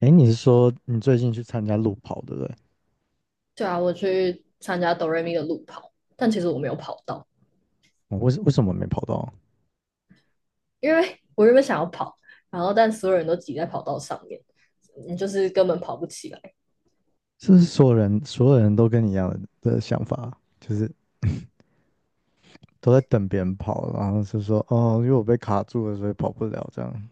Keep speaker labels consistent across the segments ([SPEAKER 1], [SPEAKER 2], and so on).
[SPEAKER 1] 哎，你是说你最近去参加路跑，对不对？
[SPEAKER 2] 对啊，我去参加哆瑞咪的路跑，但其实我没有跑到，
[SPEAKER 1] 我为什么没跑到？
[SPEAKER 2] 因为我原本想要跑，然后但所有人都挤在跑道上面，你就是根本跑不起来。
[SPEAKER 1] 是不是所有人都跟你一样的想法，就是都在等别人跑，然后是说哦，因为我被卡住了，所以跑不了这样。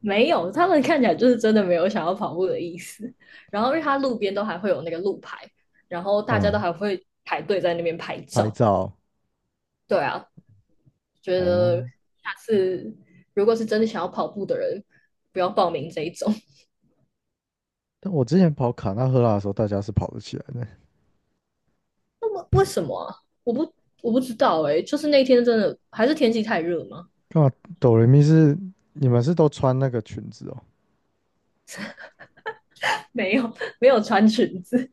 [SPEAKER 2] 没有，他们看起来就是真的没有想要跑步的意思。然后因为它路边都还会有那个路牌，然后大家都
[SPEAKER 1] 嗯，
[SPEAKER 2] 还会排队在那边拍
[SPEAKER 1] 拍
[SPEAKER 2] 照。
[SPEAKER 1] 照
[SPEAKER 2] 对啊，觉得
[SPEAKER 1] 哦。
[SPEAKER 2] 下次如果是真的想要跑步的人，不要报名这一种。
[SPEAKER 1] 但我之前跑卡纳赫拉的时候，大家是跑得起来的。
[SPEAKER 2] 那么为什么啊？我不我不知道哎、就是那天真的还是天气太热吗？
[SPEAKER 1] 干嘛？哆瑞咪是你们是都穿那个裙子哦？
[SPEAKER 2] 没有 没有穿裙子。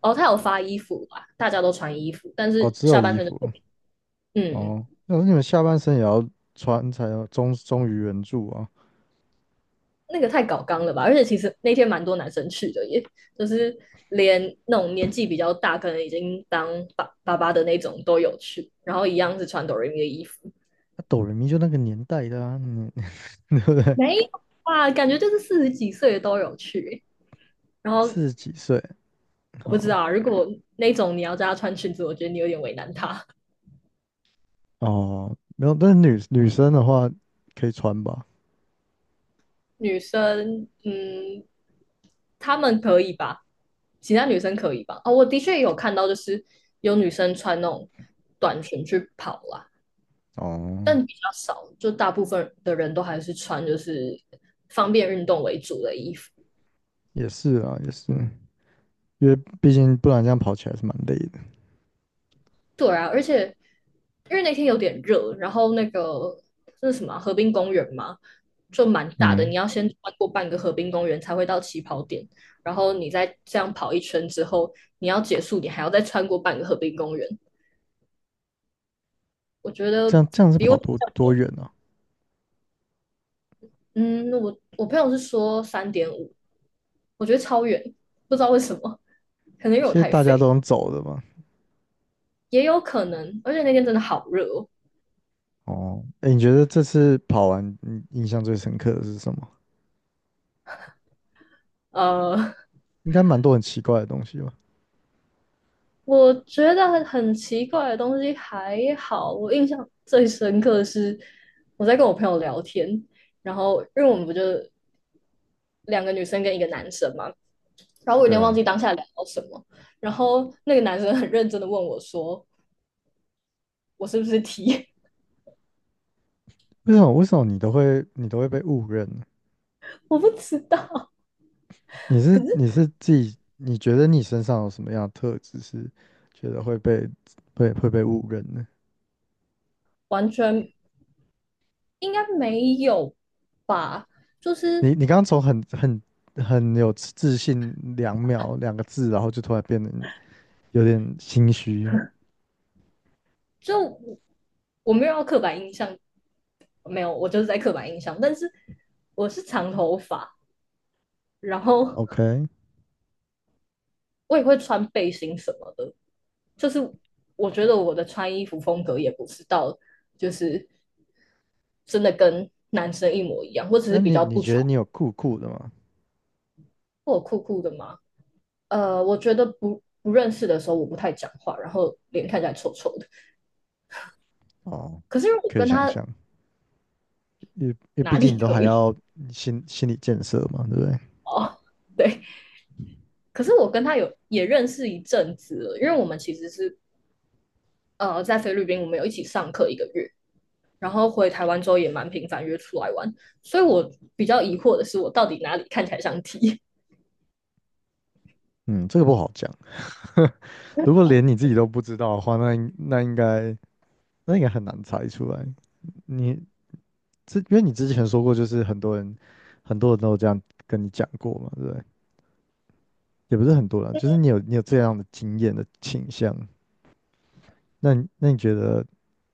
[SPEAKER 2] 哦，他有发衣服吧，大家都穿衣服，但
[SPEAKER 1] 哦，
[SPEAKER 2] 是
[SPEAKER 1] 只有
[SPEAKER 2] 下半
[SPEAKER 1] 衣
[SPEAKER 2] 身就
[SPEAKER 1] 服哦。
[SPEAKER 2] 嗯，
[SPEAKER 1] 哦那你们下半身也要穿才有忠于原著啊。
[SPEAKER 2] 太搞纲了吧？而且其实那天蛮多男生去的耶，就是连那种年纪比较大，可能已经当爸爸的那种都有去，然后一样是穿哆瑞咪的衣服。
[SPEAKER 1] 那哆瑞咪就那个年代的啊，你 对不对？
[SPEAKER 2] 没有啊，感觉就是40几岁的都有去耶。然后
[SPEAKER 1] 四十几岁，
[SPEAKER 2] 我不知
[SPEAKER 1] 哦
[SPEAKER 2] 道啊，如果那种你要叫他穿裙子，我觉得你有点为难他。
[SPEAKER 1] 哦，没有，但是女生的话可以穿吧？
[SPEAKER 2] 女生，嗯，她们可以吧？其他女生可以吧？哦，我的确有看到，就是有女生穿那种短裙去跑啦，
[SPEAKER 1] 哦，
[SPEAKER 2] 但比较少，就大部分的人都还是穿就是方便运动为主的衣服。
[SPEAKER 1] 也是啊，也是，因为毕竟不然这样跑起来是蛮累的。
[SPEAKER 2] 对啊，而且因为那天有点热，然后那是什么啊河滨公园嘛，就蛮大的，
[SPEAKER 1] 嗯，
[SPEAKER 2] 你要先穿过半个河滨公园才会到起跑点，然后你再这样跑一圈之后，你要结束，你还要再穿过半个河滨公园。我觉
[SPEAKER 1] 这
[SPEAKER 2] 得
[SPEAKER 1] 样这样是
[SPEAKER 2] 比
[SPEAKER 1] 跑
[SPEAKER 2] 我。
[SPEAKER 1] 多远啊？
[SPEAKER 2] 嗯，我朋友是说3.5，我觉得超远，不知道为什么，可能因为
[SPEAKER 1] 其
[SPEAKER 2] 我
[SPEAKER 1] 实
[SPEAKER 2] 太
[SPEAKER 1] 大家都
[SPEAKER 2] 废，
[SPEAKER 1] 能走的嘛。
[SPEAKER 2] 也有可能，而且那天真的好热哦。
[SPEAKER 1] 哦，哎，你觉得这次跑完，你印象最深刻的是什么？
[SPEAKER 2] 呃，
[SPEAKER 1] 应该蛮多很奇怪的东西吧？
[SPEAKER 2] 我觉得很奇怪的东西还好，我印象最深刻的是我在跟我朋友聊天，然后因为我们不就两个女生跟一个男生嘛，然后我有点
[SPEAKER 1] 对
[SPEAKER 2] 忘
[SPEAKER 1] 啊，
[SPEAKER 2] 记当下聊到什么，然后那个男生很认真的问我说我是不是 T，
[SPEAKER 1] 为什么你都会被误认呢？
[SPEAKER 2] 我不知道，
[SPEAKER 1] 你
[SPEAKER 2] 可
[SPEAKER 1] 是
[SPEAKER 2] 是
[SPEAKER 1] 你是自己，你觉得你身上有什么样的特质是觉得会被误认呢？
[SPEAKER 2] 完全应该没有吧，就
[SPEAKER 1] 你
[SPEAKER 2] 是
[SPEAKER 1] 你刚刚从很有自信2秒2个字，然后就突然变得有点心虚。
[SPEAKER 2] 就我我没有要刻板印象，没有，我就是在刻板印象，但是我是长头发。然后
[SPEAKER 1] OK，
[SPEAKER 2] 我也会穿背心什么的，就是我觉得我的穿衣服风格也不是到就是真的跟男生一模一样，我只是
[SPEAKER 1] 那
[SPEAKER 2] 比
[SPEAKER 1] 你
[SPEAKER 2] 较
[SPEAKER 1] 你
[SPEAKER 2] 不
[SPEAKER 1] 觉得
[SPEAKER 2] 穿，
[SPEAKER 1] 你有酷酷的吗？
[SPEAKER 2] 我酷酷的嘛。我觉得不认识的时候我不太讲话，然后脸看起来臭臭的。
[SPEAKER 1] 哦，
[SPEAKER 2] 可是如果
[SPEAKER 1] 可以
[SPEAKER 2] 跟
[SPEAKER 1] 想
[SPEAKER 2] 他
[SPEAKER 1] 象，因为
[SPEAKER 2] 哪
[SPEAKER 1] 毕
[SPEAKER 2] 里
[SPEAKER 1] 竟你都
[SPEAKER 2] 可
[SPEAKER 1] 还
[SPEAKER 2] 以。
[SPEAKER 1] 要心理建设嘛，对不对？
[SPEAKER 2] 哦，对，可是我跟他有也认识一阵子了，因为我们其实是在菲律宾，我们有一起上课1个月，然后回台湾之后也蛮频繁约出来玩，所以我比较疑惑的是，我到底哪里看起来像 T？
[SPEAKER 1] 嗯，这个不好讲。如果连你自己都不知道的话，那应该很难猜出来。你因为你之前说过，就是很多人都有这样跟你讲过嘛，对不对？也不是很多人，就是你有这样的经验的倾向。那你觉得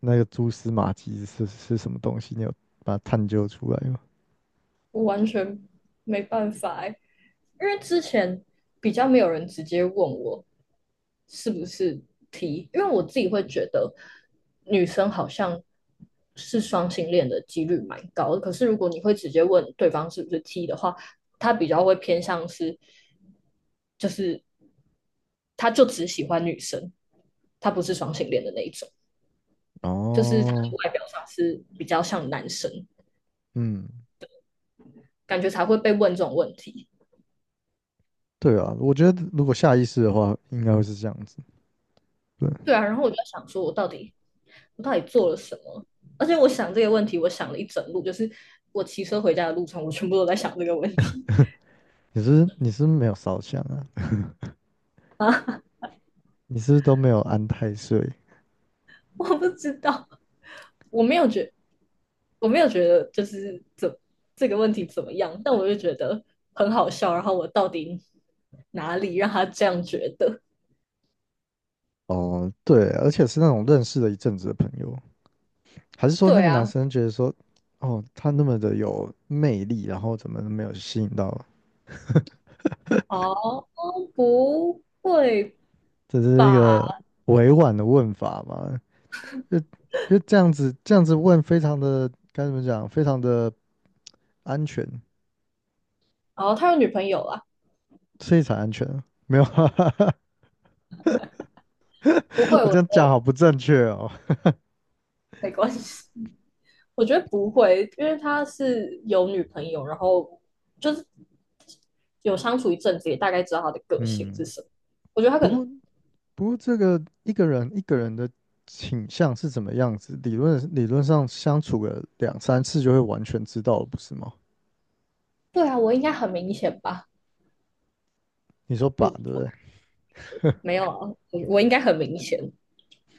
[SPEAKER 1] 那个蛛丝马迹是什么东西？你有把它探究出来吗？
[SPEAKER 2] 我完全没办法欸，因为之前比较没有人直接问我是不是 T，因为我自己会觉得女生好像是双性恋的几率蛮高的，可是如果你会直接问对方是不是 T 的话，他比较会偏向是，就是他就只喜欢女生，他不是双性恋的那一种。就是他的
[SPEAKER 1] 哦，
[SPEAKER 2] 外表上是比较像男生，
[SPEAKER 1] 嗯，
[SPEAKER 2] 感觉才会被问这种问题。
[SPEAKER 1] 对啊，我觉得如果下意识的话，应该会是这样子。对，
[SPEAKER 2] 对啊，然后我就在想说，我到底做了什么？而且我想这个问题，我想了一整路，就是我骑车回家的路上，我全部都在想这个问题。
[SPEAKER 1] 你是不是没有烧香啊？你是不是都没有安太岁？
[SPEAKER 2] 我不知道，我没有觉得，我没有觉得就是这个问题怎么样，但我就觉得很好笑。然后我到底哪里让他这样觉得？
[SPEAKER 1] 哦，对，而且是那种认识了一阵子的朋友，还是说那
[SPEAKER 2] 对
[SPEAKER 1] 个男
[SPEAKER 2] 啊。
[SPEAKER 1] 生觉得说，哦，他那么的有魅力，然后怎么没有吸引到？
[SPEAKER 2] 哦，不会
[SPEAKER 1] 这是一
[SPEAKER 2] 吧？
[SPEAKER 1] 个委婉的问法嘛？就就这样子，这样子问，非常的该怎么讲？非常的安全，
[SPEAKER 2] 哦，他有女朋友啦，
[SPEAKER 1] 所以才安全啊。没有啊，
[SPEAKER 2] 不 会，
[SPEAKER 1] 我这
[SPEAKER 2] 我
[SPEAKER 1] 样讲好不正确哦。
[SPEAKER 2] 没关系。我觉得不会，因为他是有女朋友，然后就是有相处一阵子，也大概知道他的个性
[SPEAKER 1] 嗯，
[SPEAKER 2] 是什么。我觉得他
[SPEAKER 1] 不
[SPEAKER 2] 可
[SPEAKER 1] 过
[SPEAKER 2] 能。
[SPEAKER 1] 不过这个一个人的倾向是怎么样子，理论上相处个两三次就会完全知道了，不是吗？
[SPEAKER 2] 对啊，我应该很明显吧？
[SPEAKER 1] 你说把
[SPEAKER 2] 我
[SPEAKER 1] 对不
[SPEAKER 2] 我
[SPEAKER 1] 对？
[SPEAKER 2] 没有啊，我应该很明显，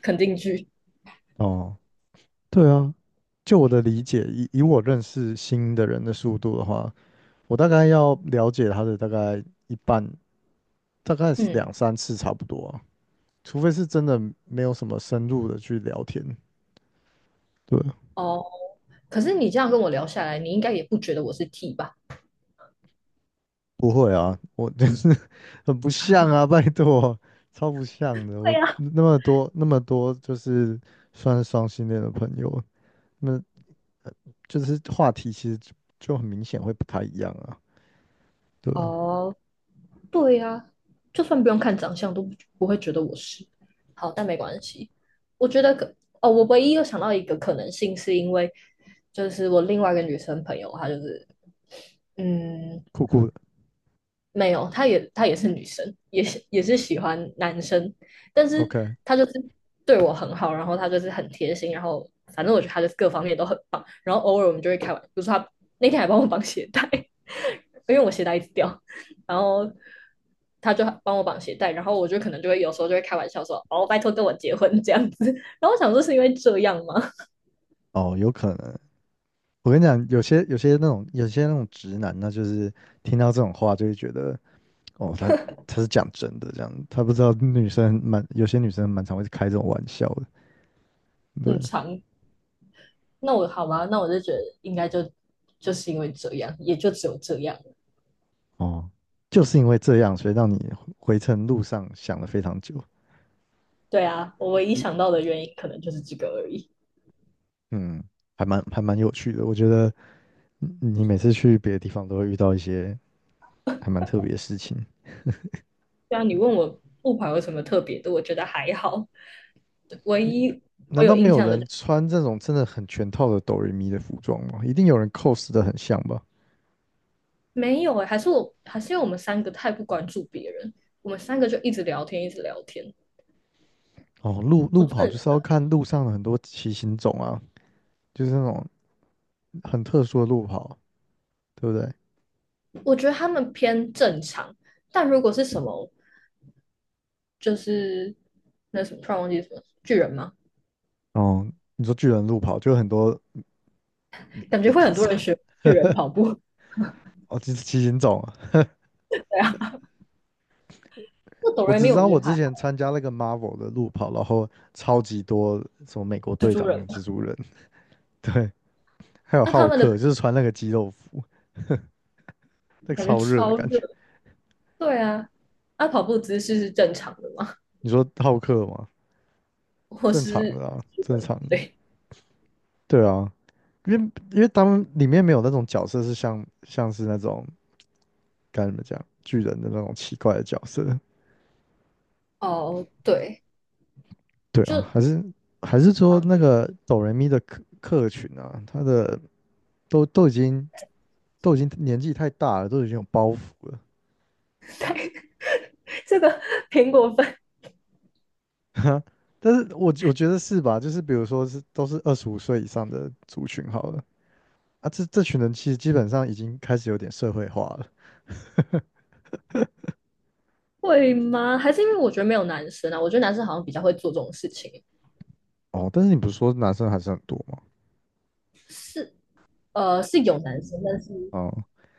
[SPEAKER 2] 肯定句。
[SPEAKER 1] 哦。对啊，就我的理解，以我认识新的人的速度的话，我大概要了解他的大概一半，大概是
[SPEAKER 2] 嗯。
[SPEAKER 1] 两三次差不多啊，除非是真的没有什么深入的去聊天。对，
[SPEAKER 2] 哦，可是你这样跟我聊下来，你应该也不觉得我是 T 吧？
[SPEAKER 1] 不会啊，我就是 很不像啊，拜托，超不像的。
[SPEAKER 2] 对
[SPEAKER 1] 我
[SPEAKER 2] 呀。
[SPEAKER 1] 那么多，就是算是双性恋的朋友，那就是话题其实就很明显会不太一样啊。对啊，
[SPEAKER 2] 哦，对呀、就算不用看长相，都不会觉得我是。好，但没关系。我觉得可。哦，我唯一又想到一个可能性，是因为就是我另外一个女生朋友，她就是嗯，
[SPEAKER 1] 酷酷的
[SPEAKER 2] 没有，她也是女生，也是喜欢男生，但是
[SPEAKER 1] ，OK，
[SPEAKER 2] 她就是对我很好，然后她就是很贴心，然后反正我觉得她就是各方面都很棒。然后偶尔我们就会开玩，比如说她那天还帮我绑鞋带，因为我鞋带一直掉，然后她就帮我绑鞋带，然后我就可能就会有时候就会开玩笑说：“哦，拜托跟我结婚这样子。然后我想说是因为这样吗？
[SPEAKER 1] 哦，有可能。我跟你讲，有些那种直男呢，就是听到这种话就会觉得，哦，他是讲真的这样，他不知道女生蛮有些女生蛮常会开这种玩笑的，对，
[SPEAKER 2] 很长。那我好吧，那我就觉得应该就是因为这样，也就只有这样。
[SPEAKER 1] 哦，就是因为这样，所以让你回程路上想了非常久，
[SPEAKER 2] 对啊，我唯一
[SPEAKER 1] 一
[SPEAKER 2] 想到的原因可能就是这个而已。
[SPEAKER 1] 嗯，还蛮有趣的，我觉得你每次去别的地方都会遇到一些还蛮特别的事情。
[SPEAKER 2] 对啊，你问我木牌有什么特别的，我觉得还好。唯一我
[SPEAKER 1] 难
[SPEAKER 2] 有
[SPEAKER 1] 道没
[SPEAKER 2] 印
[SPEAKER 1] 有
[SPEAKER 2] 象的就
[SPEAKER 1] 人穿这种真的很全套的哆瑞咪的服装吗？一定有人 cos 的很像吧？
[SPEAKER 2] 没有哎、还是我还是因为我们三个太不关注别人，我们三个就一直聊天，一直聊天。
[SPEAKER 1] 哦，路
[SPEAKER 2] 我
[SPEAKER 1] 路
[SPEAKER 2] 真
[SPEAKER 1] 跑就是要
[SPEAKER 2] 的。
[SPEAKER 1] 看路上的很多骑行种啊，就是那种很特殊的路跑，对不对？
[SPEAKER 2] 我觉得他们偏正常，但如果是什么就是那什么突然忘记什么巨人吗？
[SPEAKER 1] 哦，你说巨人路跑就有很多
[SPEAKER 2] 感
[SPEAKER 1] 米
[SPEAKER 2] 觉会
[SPEAKER 1] 卡
[SPEAKER 2] 很多
[SPEAKER 1] 萨
[SPEAKER 2] 人学巨人跑步。
[SPEAKER 1] 哦，就是骑行种啊。
[SPEAKER 2] 对啊，那哆
[SPEAKER 1] 我
[SPEAKER 2] 瑞
[SPEAKER 1] 只
[SPEAKER 2] 咪
[SPEAKER 1] 知
[SPEAKER 2] 我
[SPEAKER 1] 道
[SPEAKER 2] 觉
[SPEAKER 1] 我
[SPEAKER 2] 得
[SPEAKER 1] 之
[SPEAKER 2] 还好。
[SPEAKER 1] 前参加那个 Marvel 的路跑，然后超级多什么美国
[SPEAKER 2] 蜘
[SPEAKER 1] 队
[SPEAKER 2] 蛛
[SPEAKER 1] 长
[SPEAKER 2] 人
[SPEAKER 1] 跟
[SPEAKER 2] 嘛。
[SPEAKER 1] 蜘蛛人，对，还有
[SPEAKER 2] 那他
[SPEAKER 1] 浩
[SPEAKER 2] 们
[SPEAKER 1] 克，
[SPEAKER 2] 的
[SPEAKER 1] 就是穿那个肌肉服，那个
[SPEAKER 2] 感觉
[SPEAKER 1] 超热的
[SPEAKER 2] 超
[SPEAKER 1] 感觉。
[SPEAKER 2] 热。对啊，那、跑步姿势是正常的吗？
[SPEAKER 1] 你说浩克吗？
[SPEAKER 2] 我
[SPEAKER 1] 正常
[SPEAKER 2] 是
[SPEAKER 1] 的啊，
[SPEAKER 2] 日
[SPEAKER 1] 正
[SPEAKER 2] 本
[SPEAKER 1] 常的。
[SPEAKER 2] 对。
[SPEAKER 1] 对啊，因为他们里面没有那种角色是像是那种。该怎么讲，巨人的那种奇怪的角色。
[SPEAKER 2] 哦，对，
[SPEAKER 1] 对啊，
[SPEAKER 2] 就
[SPEAKER 1] 还是说
[SPEAKER 2] 啊，
[SPEAKER 1] 那个哆瑞咪的客群啊，他的都都已经都已经年纪太大了，都已经有包袱了。
[SPEAKER 2] 对这个苹果分
[SPEAKER 1] 但是我觉得是吧？就是比如说是都是25岁以上的族群好了啊，这群人其实基本上已经开始有点社会化了。
[SPEAKER 2] 会吗？还是因为我觉得没有男生啊？我觉得男生好像比较会做这种事情，
[SPEAKER 1] 哦，但是你不是说男生还是很多吗？
[SPEAKER 2] 是是有男生，但是
[SPEAKER 1] 哦，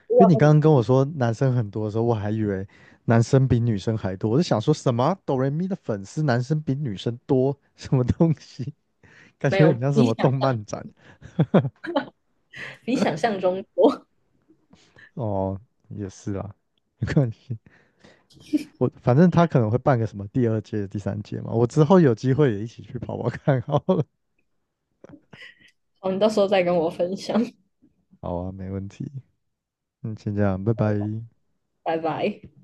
[SPEAKER 2] 如果
[SPEAKER 1] 因为
[SPEAKER 2] 要
[SPEAKER 1] 你
[SPEAKER 2] 跟
[SPEAKER 1] 刚
[SPEAKER 2] 你
[SPEAKER 1] 刚跟我说男生很多的时候，我还以为男生比女生还多，我就想说什么哆瑞咪的粉丝男生比女生多，什么东西？感
[SPEAKER 2] 没
[SPEAKER 1] 觉
[SPEAKER 2] 有
[SPEAKER 1] 很像什
[SPEAKER 2] 比
[SPEAKER 1] 么
[SPEAKER 2] 想
[SPEAKER 1] 动
[SPEAKER 2] 象
[SPEAKER 1] 漫展。
[SPEAKER 2] 比想象中多。
[SPEAKER 1] 哦，也是啦，没关系，我反正他可能会办个什么第二届、第三届嘛，我之后有机会也一起去跑跑看好了。
[SPEAKER 2] 好，你到时候再跟我分享，
[SPEAKER 1] 好啊，没问题。嗯，先这样，拜拜。
[SPEAKER 2] 拜拜。